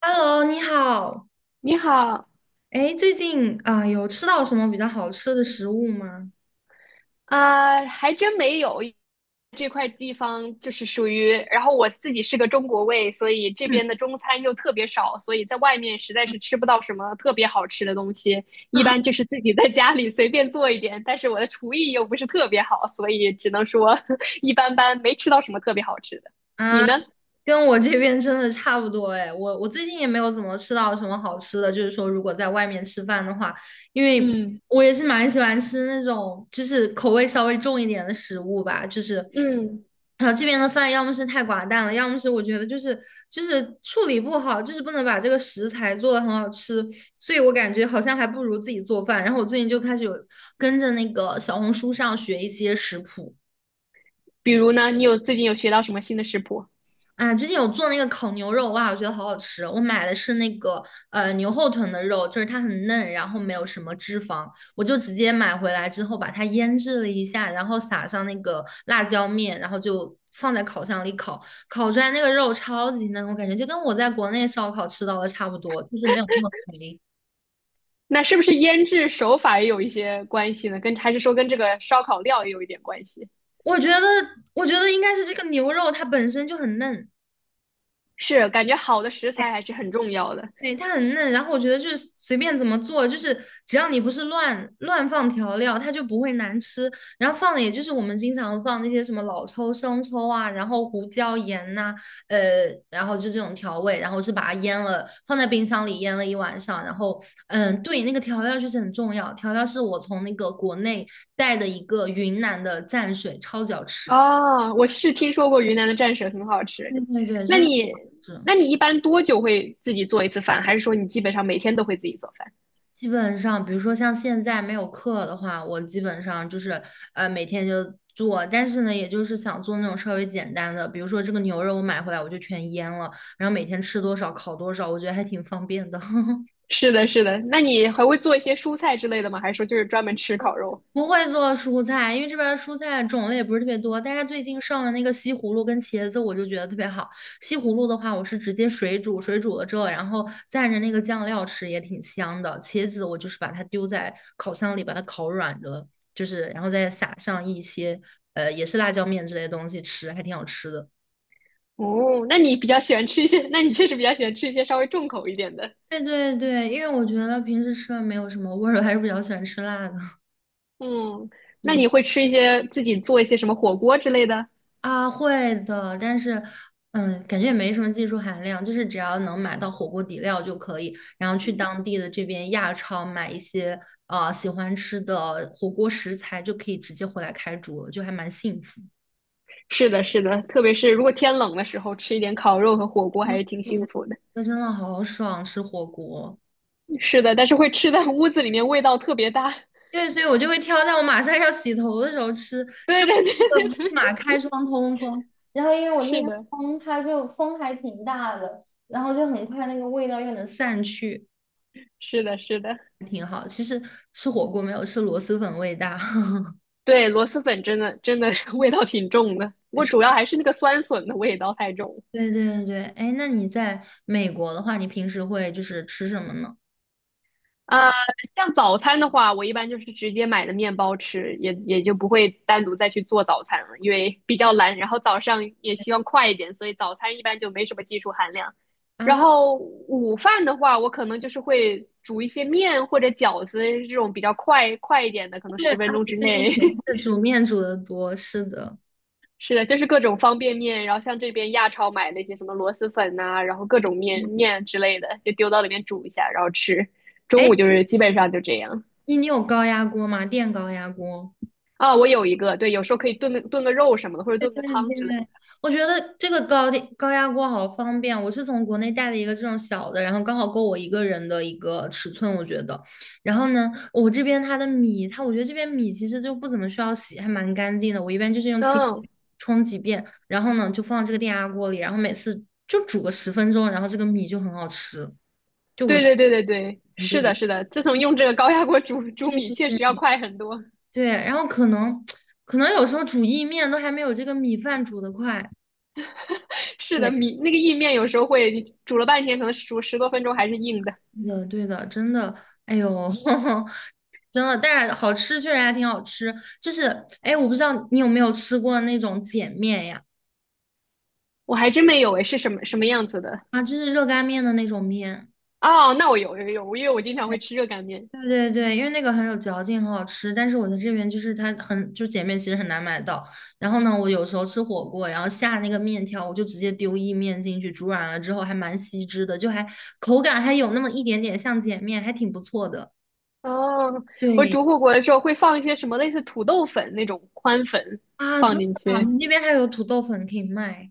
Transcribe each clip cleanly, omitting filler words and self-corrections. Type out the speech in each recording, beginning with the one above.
Hello，你好。你好。哎，最近啊，有吃到什么比较好吃的食物吗？啊，还真没有。这块地方就是属于，然后我自己是个中国胃，所以这边的中餐又特别少，所以在外面实在是吃不到什么特别好吃的东西，一般就是自己在家里随便做一点，但是我的厨艺又不是特别好，所以只能说 一般般，没吃到什么特别好吃的。你啊，呢？跟我这边真的差不多哎，我最近也没有怎么吃到什么好吃的，就是说如果在外面吃饭的话，因为嗯。我也是蛮喜欢吃那种就是口味稍微重一点的食物吧，就是，嗯，然后这边的饭要么是太寡淡了，要么是我觉得就是处理不好，就是不能把这个食材做的很好吃，所以我感觉好像还不如自己做饭。然后我最近就开始有跟着那个小红书上学一些食谱。比如呢，你有最近有学到什么新的食谱？啊，最近有做那个烤牛肉，哇，我觉得好好吃哦。我买的是那个牛后臀的肉，就是它很嫩，然后没有什么脂肪，我就直接买回来之后把它腌制了一下，然后撒上那个辣椒面，然后就放在烤箱里烤，烤出来那个肉超级嫩，我感觉就跟我在国内烧烤吃到的差不多，就是没有那么肥。那是不是腌制手法也有一些关系呢？跟还是说跟这个烧烤料也有一点关系？我觉得，我觉得应该是这个牛肉它本身就很嫩。是，感觉好的食材还是很重要的。对，它很嫩，然后我觉得就是随便怎么做，就是只要你不是乱放调料，它就不会难吃。然后放的也就是我们经常放那些什么老抽、生抽啊，然后胡椒、盐呐、呃，然后就这种调味，然后是把它腌了，放在冰箱里腌了一晚上。然后，对，那个调料就是很重要，调料是我从那个国内带的一个云南的蘸水，超级好吃。哦，我是听说过云南的蘸水很好吃。对对对，那真的是。你，那你一般多久会自己做一次饭？还是说你基本上每天都会自己做饭？基本上，比如说像现在没有课的话，我基本上就是每天就做，但是呢，也就是想做那种稍微简单的，比如说这个牛肉我买回来我就全腌了，然后每天吃多少烤多少，我觉得还挺方便的。是的，是的。那你还会做一些蔬菜之类的吗？还是说就是专门吃烤肉？不会做蔬菜，因为这边儿蔬菜种类不是特别多。但是最近上了那个西葫芦跟茄子，我就觉得特别好。西葫芦的话，我是直接水煮，水煮了之后，然后蘸着那个酱料吃，也挺香的。茄子我就是把它丢在烤箱里，把它烤软了，就是然后再撒上一些也是辣椒面之类的东西吃，还挺好吃的。哦，那你比较喜欢吃一些，那你确实比较喜欢吃一些稍微重口一点的。对对对，因为我觉得平时吃的没有什么味儿，我还是比较喜欢吃辣的。嗯，那对。你会吃一些自己做一些什么火锅之类的？啊，会的，但是，嗯，感觉也没什么技术含量，就是只要能买到火锅底料就可以，然后去当地的这边亚超买一些啊喜欢吃的火锅食材，就可以直接回来开煮了，就还蛮幸福。是的，是的，特别是如果天冷的时候，吃一点烤肉和火锅还是挺幸福的。那真的好爽，吃火锅。是的，但是会吃在屋子里面，味道特别大。对，所以我就会挑在我马上要洗头的时候吃，吃对对对完了对对，立马开窗通风。然后因为我这边是的，风它就风还挺大的，然后就很快那个味道又能散去。是的，是的，挺好。其实吃火锅没有吃螺蛳粉味大。对，螺蛳粉真的真的是 味道挺重的，我主要 还是那个酸笋的味道太重了。对对对哎，那你在美国的话，你平时会就是吃什么呢？呃，像早餐的话，我一般就是直接买的面包吃，也就不会单独再去做早餐了，因为比较懒，然后早上也希望快一点，所以早餐一般就没什么技术含量。然啊，后午饭的话，我可能就是会煮一些面或者饺子这种比较快一点的，可能对十啊，分钟我之最近内。也是 煮面煮的多，是的。是的，就是各种方便面，然后像这边亚超买那些什么螺蛳粉呐、然后各种面面之类的，就丢到里面煮一下，然后吃。中哎，午就是基本上就这样。你有高压锅吗？电高压锅？啊，我有一个，对，有时候可以炖个肉什么的，或者对炖个汤之类对，的。我觉得这个高压锅好方便。我是从国内带了一个这种小的，然后刚好够我一个人的一个尺寸，我觉得。然后呢，我这边它的米，它我觉得这边米其实就不怎么需要洗，还蛮干净的。我一般就是用清嗯，水冲几遍，然后呢就放这个电压锅里，然后每次就煮个10分钟，然后这个米就很好吃，对对对对对，很便是的，宜。是的。自从用这个高压锅煮对米，对确对实要对快很多。对，然后可能可能有时候煮意面都还没有这个米饭煮得快。是的，对。米那个意面有时候会煮了半天，可能煮十多分钟还是硬的。对的，对的，真的，哎呦，真的，但是好吃确实还挺好吃。就是，哎，我不知道你有没有吃过那种碱面呀？我还真没有诶，是什么样子的？啊，就是热干面的那种面。哦，那我有有有，因为我经常会吃热干面。对对对，因为那个很有嚼劲，很好吃。但是我在这边就是它很，就碱面其实很难买到。然后呢，我有时候吃火锅，然后下那个面条，我就直接丢意面进去，煮软了之后还蛮吸汁的，就还口感还有那么一点点像碱面，还挺不错的。哦，我对煮火锅的时候会放一些什么类似土豆粉那种宽粉啊，真放的进啊，去。你那边还有土豆粉可以卖。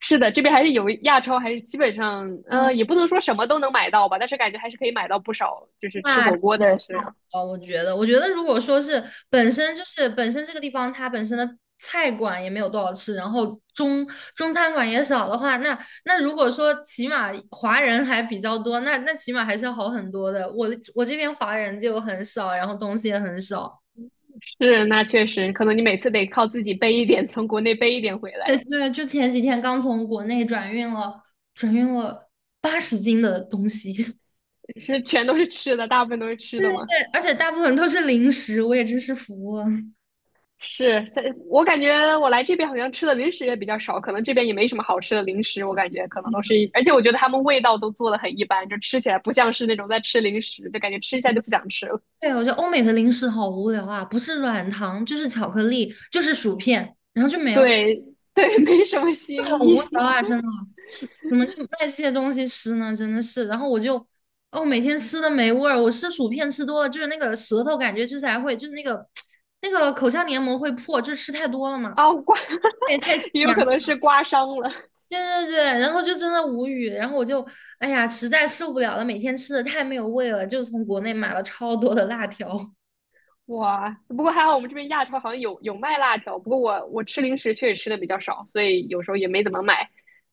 是的，这边还是有亚超，还是基本上，哦，也不能说什么都能买到吧，但是感觉还是可以买到不少，就是吃那火锅的是我觉得，我觉得如果说是本身这个地方它本身的菜馆也没有多少吃，然后中餐馆也少的话，那如果说起码华人还比较多，那起码还是要好很多的。我这边华人就很少，然后东西也很少。是，那确实，可能你每次得靠自己背一点，从国内背一点回来，对对，就前几天刚从国内转运了，转运了80斤的东西，是全都是吃的，大部分都是吃的吗？而且大部分都是零食，我也真是服了。是，在我感觉我来这边好像吃的零食也比较少，可能这边也没什么好吃的零食，我感觉可能都是，而且我觉得他们味道都做的很一般，就吃起来不像是那种在吃零食，就感觉吃一下就不想吃了，对，我觉得欧美的零食好无聊啊，不是软糖就是巧克力，就是薯片，然后就没了，对 对，没什么新好无聊意。啊！真的，怎么就卖这些东西吃呢？真的是，然后我就，哦，每天吃的没味儿，我吃薯片吃多了，就是那个舌头感觉就是还会，就是那个 那个口腔黏膜会破，就是吃太多了嘛，啊，刮，也 太也有咸了，可能是刮伤了。对对对，然后就真的无语，然后我就，哎呀，实在受不了了，每天吃的太没有味了，就从国内买了超多的辣条，哇，不过还好我们这边亚超好像有有卖辣条，不过我吃零食确实吃的比较少，所以有时候也没怎么买。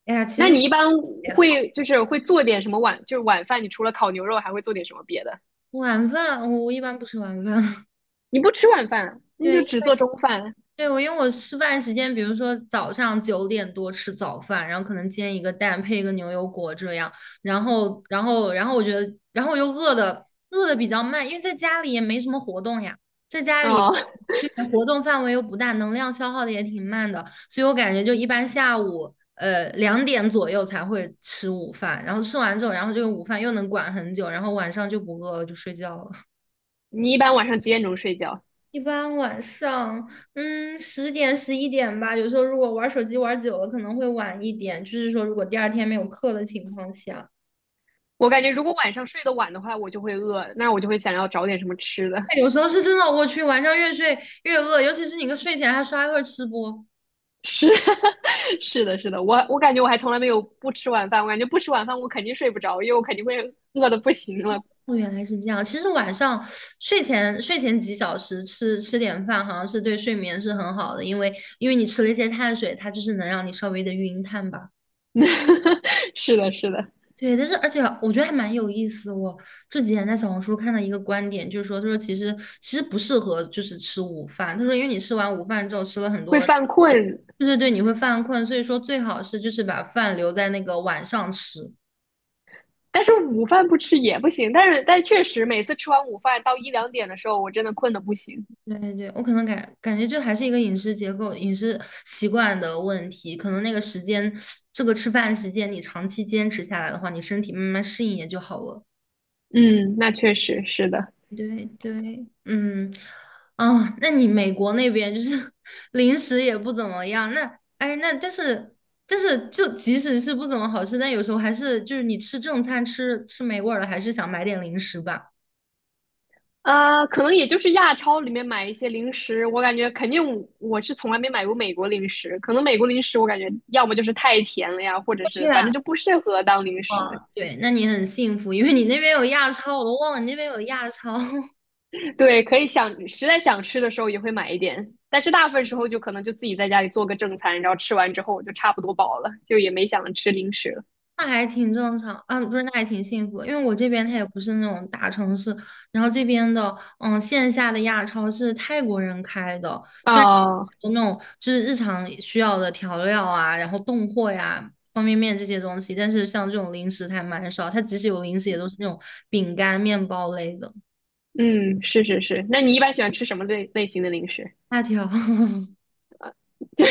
哎呀，其那实。你一般也。会就是会做点什么晚，就是晚饭，你除了烤牛肉还会做点什么别的？晚饭我一般不吃晚饭，你不吃晚饭啊，你就对只做中饭对，我因为我吃饭时间，比如说早上9点多吃早饭，然后可能煎一个蛋配一个牛油果这样，然后我觉得，然后我又饿的比较慢，因为在家里也没什么活动呀，在家里啊？对活动范围又不大，能量消耗的也挺慢的，所以我感觉就一般下午2点左右才会吃午饭，然后吃完之后，然后这个午饭又能管很久，然后晚上就不饿了，就睡觉了。你一般晚上几点钟睡觉？一般晚上，10点11点吧。有时候如果玩手机玩久了，可能会晚一点。就是说，如果第二天没有课的情况下，我感觉如果晚上睡得晚的话，我就会饿，那我就会想要找点什么吃的。哎有时候是真的，我去，晚上越睡越饿，尤其是你跟睡前还刷一会儿吃播。是 是的，是的，我感觉我还从来没有不吃晚饭，我感觉不吃晚饭我肯定睡不着，因为我肯定会饿的不行了。哦，原来是这样。其实晚上睡前几小时吃点饭，好像是对睡眠是很好的，因为你吃了一些碳水，它就是能让你稍微的晕碳吧。是的，是的，对，但是而且我觉得还蛮有意思。我这几天在小红书看到一个观点，就是说，他说其实不适合就是吃午饭。他说，因为你吃完午饭之后吃了很会多的，犯困，对对对，你会犯困，所以说最好是就是把饭留在那个晚上吃。但是午饭不吃也不行。但是但确实每次吃完午饭到一两点的时候，我真的困的不行。对对对，我可能感觉就还是一个饮食结构、饮食习惯的问题，可能那个时间，这个吃饭时间你长期坚持下来的话，你身体慢慢适应也就好了。嗯，那确实是的。对对，嗯，啊，那你美国那边就是 零食也不怎么样，那哎，那但是就即使是不怎么好吃，但有时候还是就是你吃正餐吃没味儿了，还是想买点零食吧。呃，可能也就是亚超里面买一些零食，我感觉肯定我是从来没买过美国零食，可能美国零食我感觉要么就是太甜了呀，或者是是反正啊，就不适合当零食。哦，对，那你很幸福，因为你那边有亚超，我都忘了你那边有亚超。对，可以想实在想吃的时候也会买一点，但是大部分时候就可能就自己在家里做个正餐，然后吃完之后我就差不多饱了，就也没想着吃零食了。那还挺正常，啊，不是，那还挺幸福的，因为我这边它也不是那种大城市，然后这边的，线下的亚超是泰国人开的，虽然哦，有那种就是日常需要的调料啊，然后冻货呀、方便面这些东西，但是像这种零食还蛮少，它即使有零食也都是那种饼干、面包类的，嗯，是是是。那你一般喜欢吃什么类型的零食？辣条，就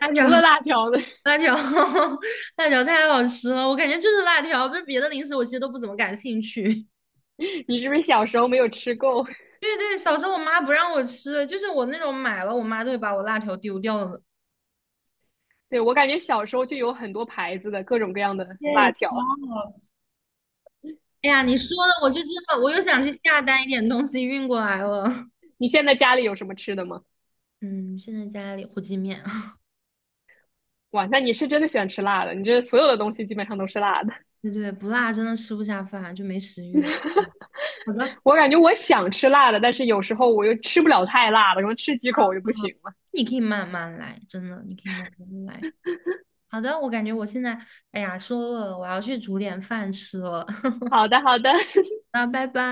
辣除条。了辣条的，辣条，辣条太好吃了，我感觉就是辣条，不是别的零食，我其实都不怎么感兴趣。你是不是小时候没有吃够？对对，小时候我妈不让我吃，就是我那种买了，我妈都会把我辣条丢掉的。对，我感觉小时候就有很多牌子的各种各样的辣对，超条。好吃。哎呀，你说的我就真的，我又想去下单一点东西运过来了。你现在家里有什么吃的吗？嗯，现在家里火鸡面，哇，那你是真的喜欢吃辣的，你这所有的东西基本上都是辣的。对对，不辣真的吃不下饭，就没食欲。好的，我感觉我想吃辣的，但是有时候我又吃不了太辣了，然后吃几口我就不行了。你可以慢慢来，真的，你可以慢慢来。好的，我感觉我现在，哎呀，说饿了，我要去煮点饭吃了。好的，好的，那拜拜。